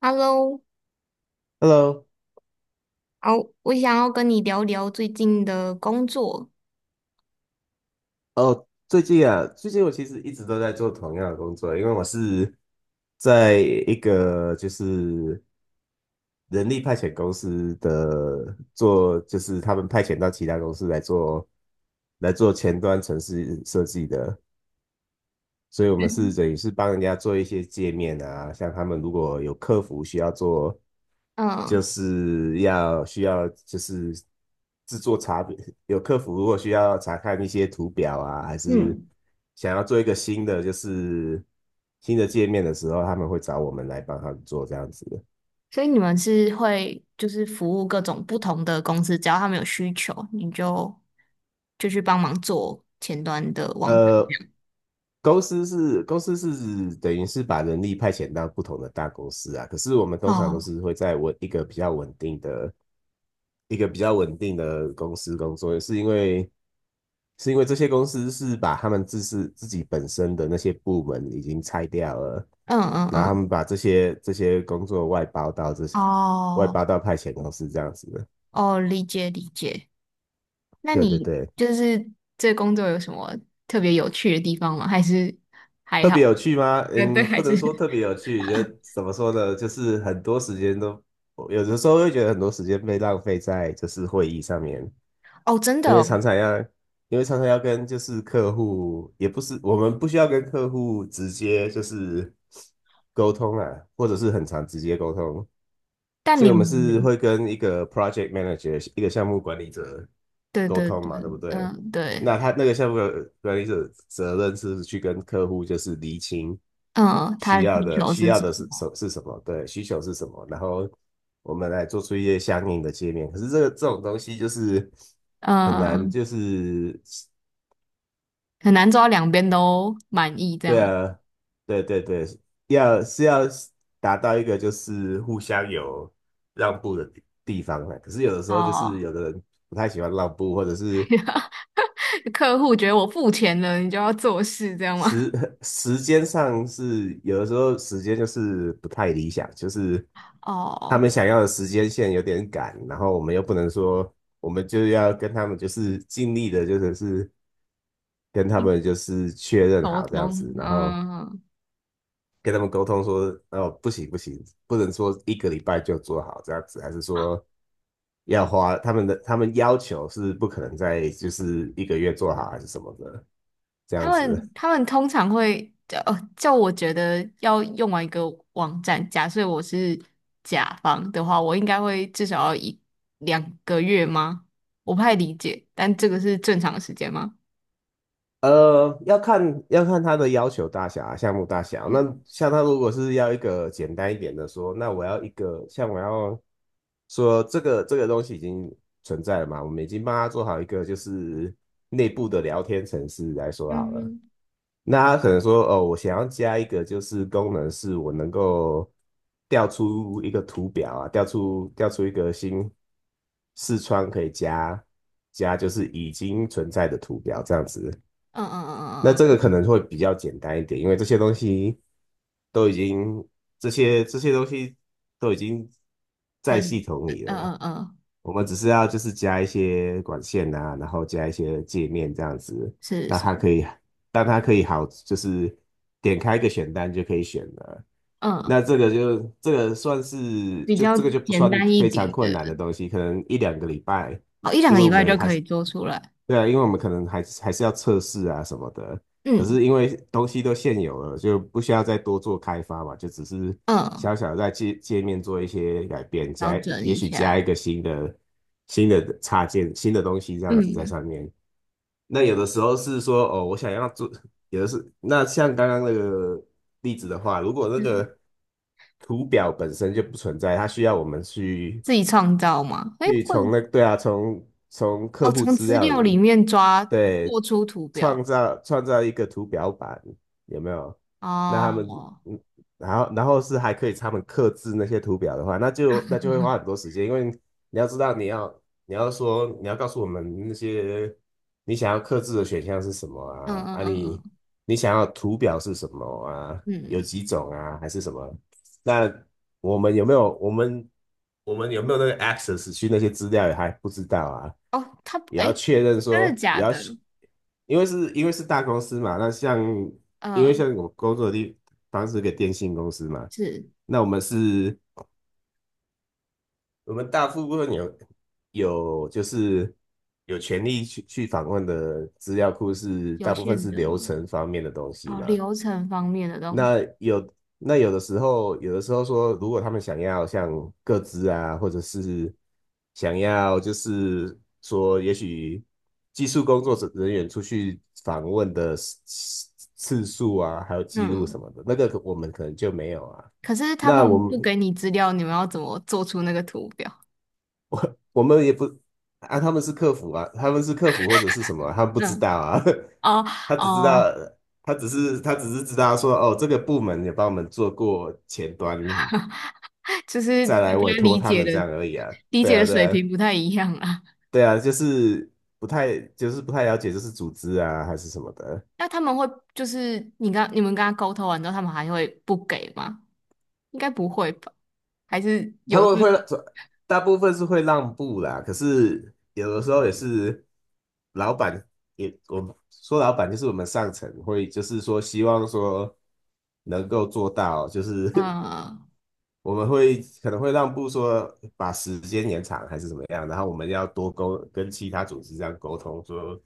Hello，Hello，哦，我想要跟你聊聊最近的工作。哦，最近啊，最近我其实一直都在做同样的工作，因为我是在一个就是人力派遣公司的做，就是他们派遣到其他公司来做前端城市设计的。所以我们是等于是帮人家做一些界面啊，像他们如果有客服需要做，嗯就是要需要就是制作查表，有客服如果需要查看一些图表啊，还是嗯，想要做一个新的就是新的界面的时候，他们会找我们来帮他们做这样子。所以你们是会就是服务各种不同的公司，只要他们有需求，你就去帮忙做前端的网站呃，公司是等于是把人力派遣到不同的大公司啊，可是我们通常都哦。是会在稳一个比较稳定的、一个比较稳定的公司工作，是因为这些公司是把他们自是自己本身的那些部门已经拆掉了，嗯嗯然后他嗯，们把这些工作外包到这些外哦包到派遣公司这样子的，哦，理解理解。那对对你对。就是这工作有什么特别有趣的地方吗？还是还特别好？有趣吗？嗯，对，嗯，还不是。 能说特别有趣，觉得怎么说呢？就是很多时间都，有的时候会觉得很多时间被浪费在就是会议上面，哦，真的因为哦。常常要，因为常常要跟就是客户，也不是我们不需要跟客户直接就是沟通啊，或者是很常直接沟通，但所以你我们是们会跟一个 project manager，一个项目管理者对沟对通对，嘛，对不对？嗯对。那他那个项目管理者责任是去跟客户就是厘清嗯，他需的要需的求需是要什的是么？什是什么，对，需求是什么，然后我们来做出一些相应的界面。可是这个这种东西就是很难，嗯，就是很难做到两边都满意这对样。啊，对对对，要是要达到一个就是互相有让步的地地方呢，可是有的时候就是哦，有的人不太喜欢让步，或者是 客户觉得我付钱了，你就要做事这样吗？时 时间上是有的时候时间就是不太理想，就是他哦，们想要的时间线有点赶，然后我们又不能说我们就要跟他们就是尽力的，就是是跟他们 就是确认沟好这样通，子，然后。嗯，跟他们沟通说，哦，不行不行，不能说一个礼拜就做好这样子，还是说要花他们的他们要求是不可能在就是一个月做好还是什么的这他样子。们他们通常会叫我觉得要用完一个网站，假设我是甲方的话，我应该会至少要一两个月吗？我不太理解，但这个是正常的时间吗？要看他的要求大小啊，项目大小。那像他如果是要一个简单一点的说，那我要一个像我要说这个东西已经存在了嘛，我们已经帮他做好一个就是内部的聊天程式来说嗯好了。嗯那他可能说，哦，我想要加一个就是功能，是我能够调出一个图表啊，调出一个新视窗可以加加，就是已经存在的图表这样子。嗯嗯嗯嗯那嗯这个嗯。可能会比较简单一点，因为这些东西都已经这些东西都已经在系很，统嗯里了，嗯嗯，我们只是要就是加一些管线啊，然后加一些界面这样子，是那是，它可以让它可以好就是点开一个选单就可以选了。嗯，那这个就这个算是比就较这个就不简算单一非常点困的，难的东西，可能一两个礼拜。哦，一两因个为礼我拜们就还可是以做出来，对啊，因为我们可能还是要测试啊什么的，可嗯是因为东西都现有了，就不需要再多做开发嘛，就只是嗯，小小的在界界面做一些改变，调加整也一许加一下，个新的新的插件、新的东西这样子在嗯，上面。那有的时候是说哦，我想要做，有的是那像刚刚那个例子的话，如果那是个图表本身就不存在，它需要我们去自己创造吗？哎，去会。从那对啊，从从客哦，户从资资料料里里面抓对，做出图表，创造一个图表板，有没有？那他们，哦，嗯，然后然后是还可以他们刻制那些图表的话，那就那就会花很多时间，因为你要知道你要你要说你要告诉我们那些你想要刻制的选项是什么嗯啊？嗯啊嗯你嗯你想要图表是什么啊？有嗯，几种啊？还是什么？那我们有没有我们我们有没有那个 access 去那些资料也还不知道啊？哦，他，也要哎，确认真说，的也假要去，的？因为是大公司嘛，那像因为嗯，像我工作的地方是个电信公司嘛，是那我们是，我们大部分有有就是有权利去去访问的资料库是有大部分限是的流吗？程方面的东西哦，嘛，流程方面的东西，那有那有的时候，有的时候说，如果他们想要像各自啊，或者是想要就是说，也许技术工作者人员出去访问的次次次数啊，还有记录什嗯，么的，那个可我们可能就没有啊。可是他那我们们不给你资料，你们要怎么做出那个图表？我们也不啊，他们是客服啊，他们是客服或者是什么啊，他们不知道嗯，啊，哦 他只知哦。道。他只是知道说，哦，这个部门也帮我们做过前端，就是再来大委家托理他解们的这样而已啊。理对解啊，的对水啊，平不太一样啊。对啊，就是不太，就是不太了解，就是组织啊还是什么的，那他们会就是你们跟他沟通完之后，他们还会不给吗？应该不会吧？还是他有们这会种大部分是会让步啦，可是有的时候也是老板也，我们说老板就是我们上层会，就是说希望说能够做到，就是 嗯。 我们会可能会让步说把时间延长还是怎么样，然后我们要多沟跟其他组织这样沟通说。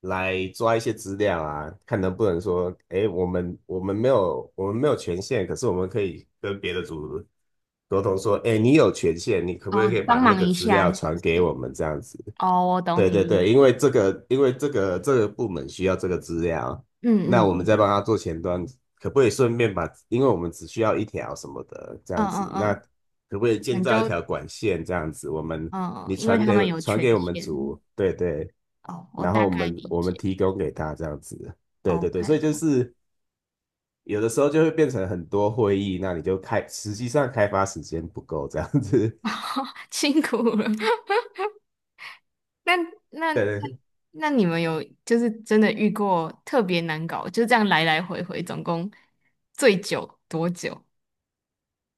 来抓一些资料啊，看能不能说，哎，我们没有权限，可是我们可以跟别的组沟通说，哎，你有权限，你可不可哦，以把帮那忙个一资下料是不传给是？我们这样子？哦，我懂对你对意对，思。因为这个，因为这个部门需要这个资料，嗯那嗯我们再嗯帮他做前端，可不可以顺便把，因为我们只需要一条什么的这嗯样子，嗯那嗯，可不可以那建你造一就条管线这样子？我们嗯，你因为传他们给有传权给我们限。组，对对，哦，我然后大我概们理我们解。提供给他这样子，对对对，所以就 OK。是有的时候就会变成很多会议，那你就开，实际上开发时间不够这样子，辛苦了。那 那那对对。那你们有就是真的遇过特别难搞，就这样来来回回，总共最久多久？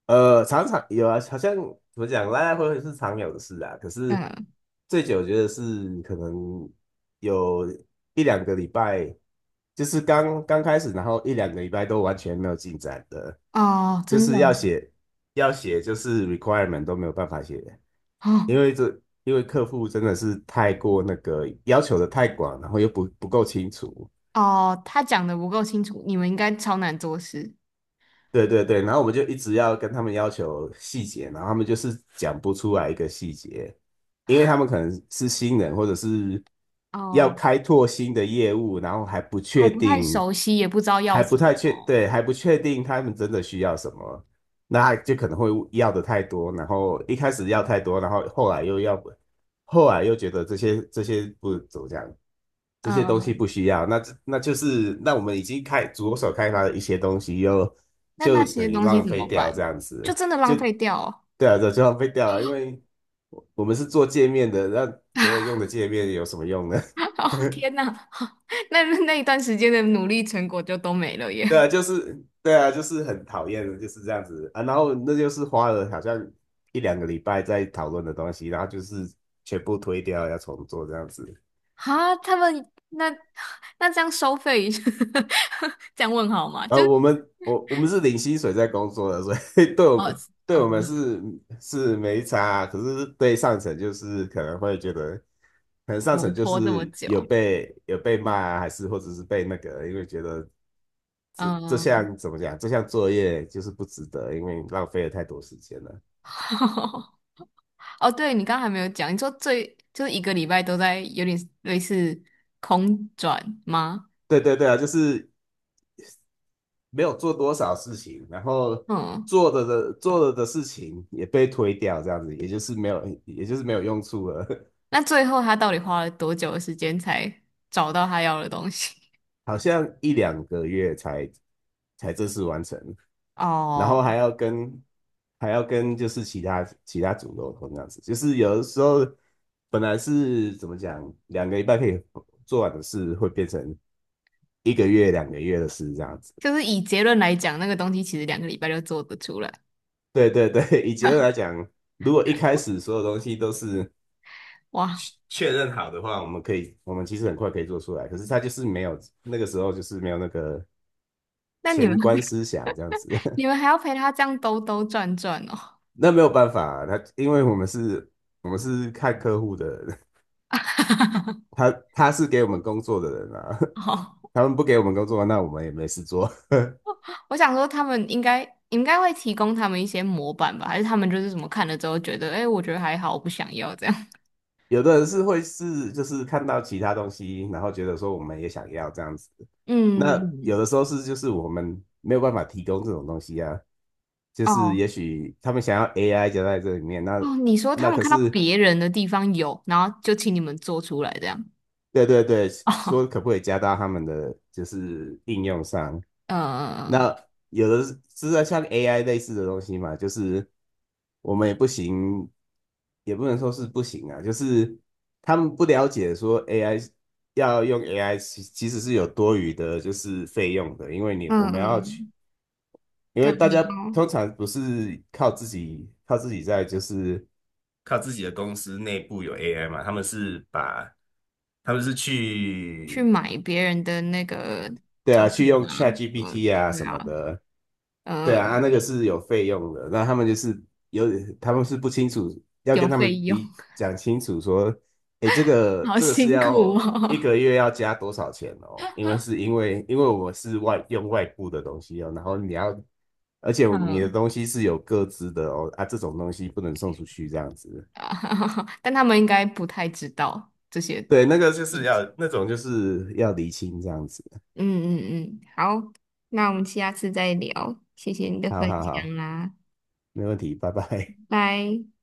常常有啊，好像怎么讲，来来回回是常有的事啊。可是嗯，最久，我觉得是可能有一两个礼拜，就是刚刚开始，然后一两个礼拜都完全没有进展的，哦，就真的是要写，就是 requirement 都没有办法写，哦。因为这因为客户真的是太过那个要求的太广，然后又不不够清楚，哦，他讲的不够清楚，你们应该超难做事。对对对，然后我们就一直要跟他们要求细节，然后他们就是讲不出来一个细节，因为他们可能是新人，或者是要哦，开拓新的业务，然后还不还确不太定，熟悉，也不知道要还不什太确，么。对，还不确定他们真的需要什么，那就可能会要的太多，然后一开始要太多，然后后来又要不，后来又觉得这些不怎么讲，这些东西嗯，不需要，那这那就是那我们已经开着手开发的一些东西又。那那就些等于东西浪怎费么掉这办？样就子，真的就浪费掉哦。对啊，这就浪费掉了，因为我们是做界面的，那没人用的界面有什么用呢？哦，天哪。那那一段时间的努力成果就都没了对耶。啊，就是对啊，就是很讨厌的，就是这样子啊。然后那就是花了好像1、2个礼拜在讨论的东西，然后就是全部推掉，要重做这样子。哈，他们那 那这样收费 这样问好吗？就是我们是领薪水在工作的，所以 对我哦们对哦，我们是是没差啊，可是对上层就是可能会觉得，可能上摩层就拖这么是有久，被有被骂啊，还是或者是被那个，因为觉得这嗯。项怎么讲，这项作业就是不值得，因为你浪费了太多时间了。哦，对你刚刚还没有讲，你说最就是一个礼拜都在有点类似空转吗？对对对啊，就是没有做多少事情，然后嗯，做了的事情也被推掉，这样子，也就是没有也就是没有用处了。那最后他到底花了多久的时间才找到他要的东西？好像1、2个月才才正式完成，然哦，后还要跟就是其他组沟通这样子，就是有的时候本来是怎么讲，两个礼拜可以做完的事，会变成1个月、2个月的事这样子。就是以结论来讲，那个东西其实两个礼拜就做得出来。对对对，以结论来讲，如果一开始所有东西都是哇，确认好的话，我们可以，我们其实很快可以做出来。可是他就是没有那个时候，就是没有那个那你们 前观思想这样 子。你们还要陪他这样兜兜转转哦？那没有办法、啊他因为我们是，我们是看客户的人，他是给我们工作的人啊，哦， 他们不给我们工作，那我们也没事做。我想说他们应该会提供他们一些模板吧，还是他们就是什么看了之后觉得，哎，我觉得还好，我不想要这样。有的人是会是就是看到其他东西，然后觉得说我们也想要这样子，那有嗯，的时候是就是我们没有办法提供这种东西啊，就是哦也许他们想要 AI 就在这里面，哦，你说他那们可看到是别人的地方有，然后就请你们做出来这样。对对对，哦，说可不可以加到他们的就是应用上？呃，那有的是是在像 AI 类似的东西嘛，就是我们也不行，也不能说是不行啊，就是他们不了解说 AI 要用 AI 其实是有多余的，就是费用的，因为你嗯我们要去，嗯，因对为啊，大你家要通常不是靠自己在就是靠自己的公司内部有 AI 嘛，他们是把他们是去去买别人的那个 对啊，去 token 用 啊，嗯，ChatGPT 啊对什啊，么的，对啊，啊那个嗯，是有费用的。那他们就是有，他们是不清楚，要有跟他费们用。理讲清楚说，诶，好这个是辛苦要一哦。个月要加多少钱哦？因为是因为我们是外部的东西哦，然后你要，而且 你的嗯，东西是有各自的哦，啊，这种东西不能送出去这样子。啊 但他们应该不太知道这些。对，那个就是要那种就是要厘清这样子。嗯嗯嗯，好，那我们下次再聊，谢谢你的好分好好，享啦，没问题，拜拜。拜。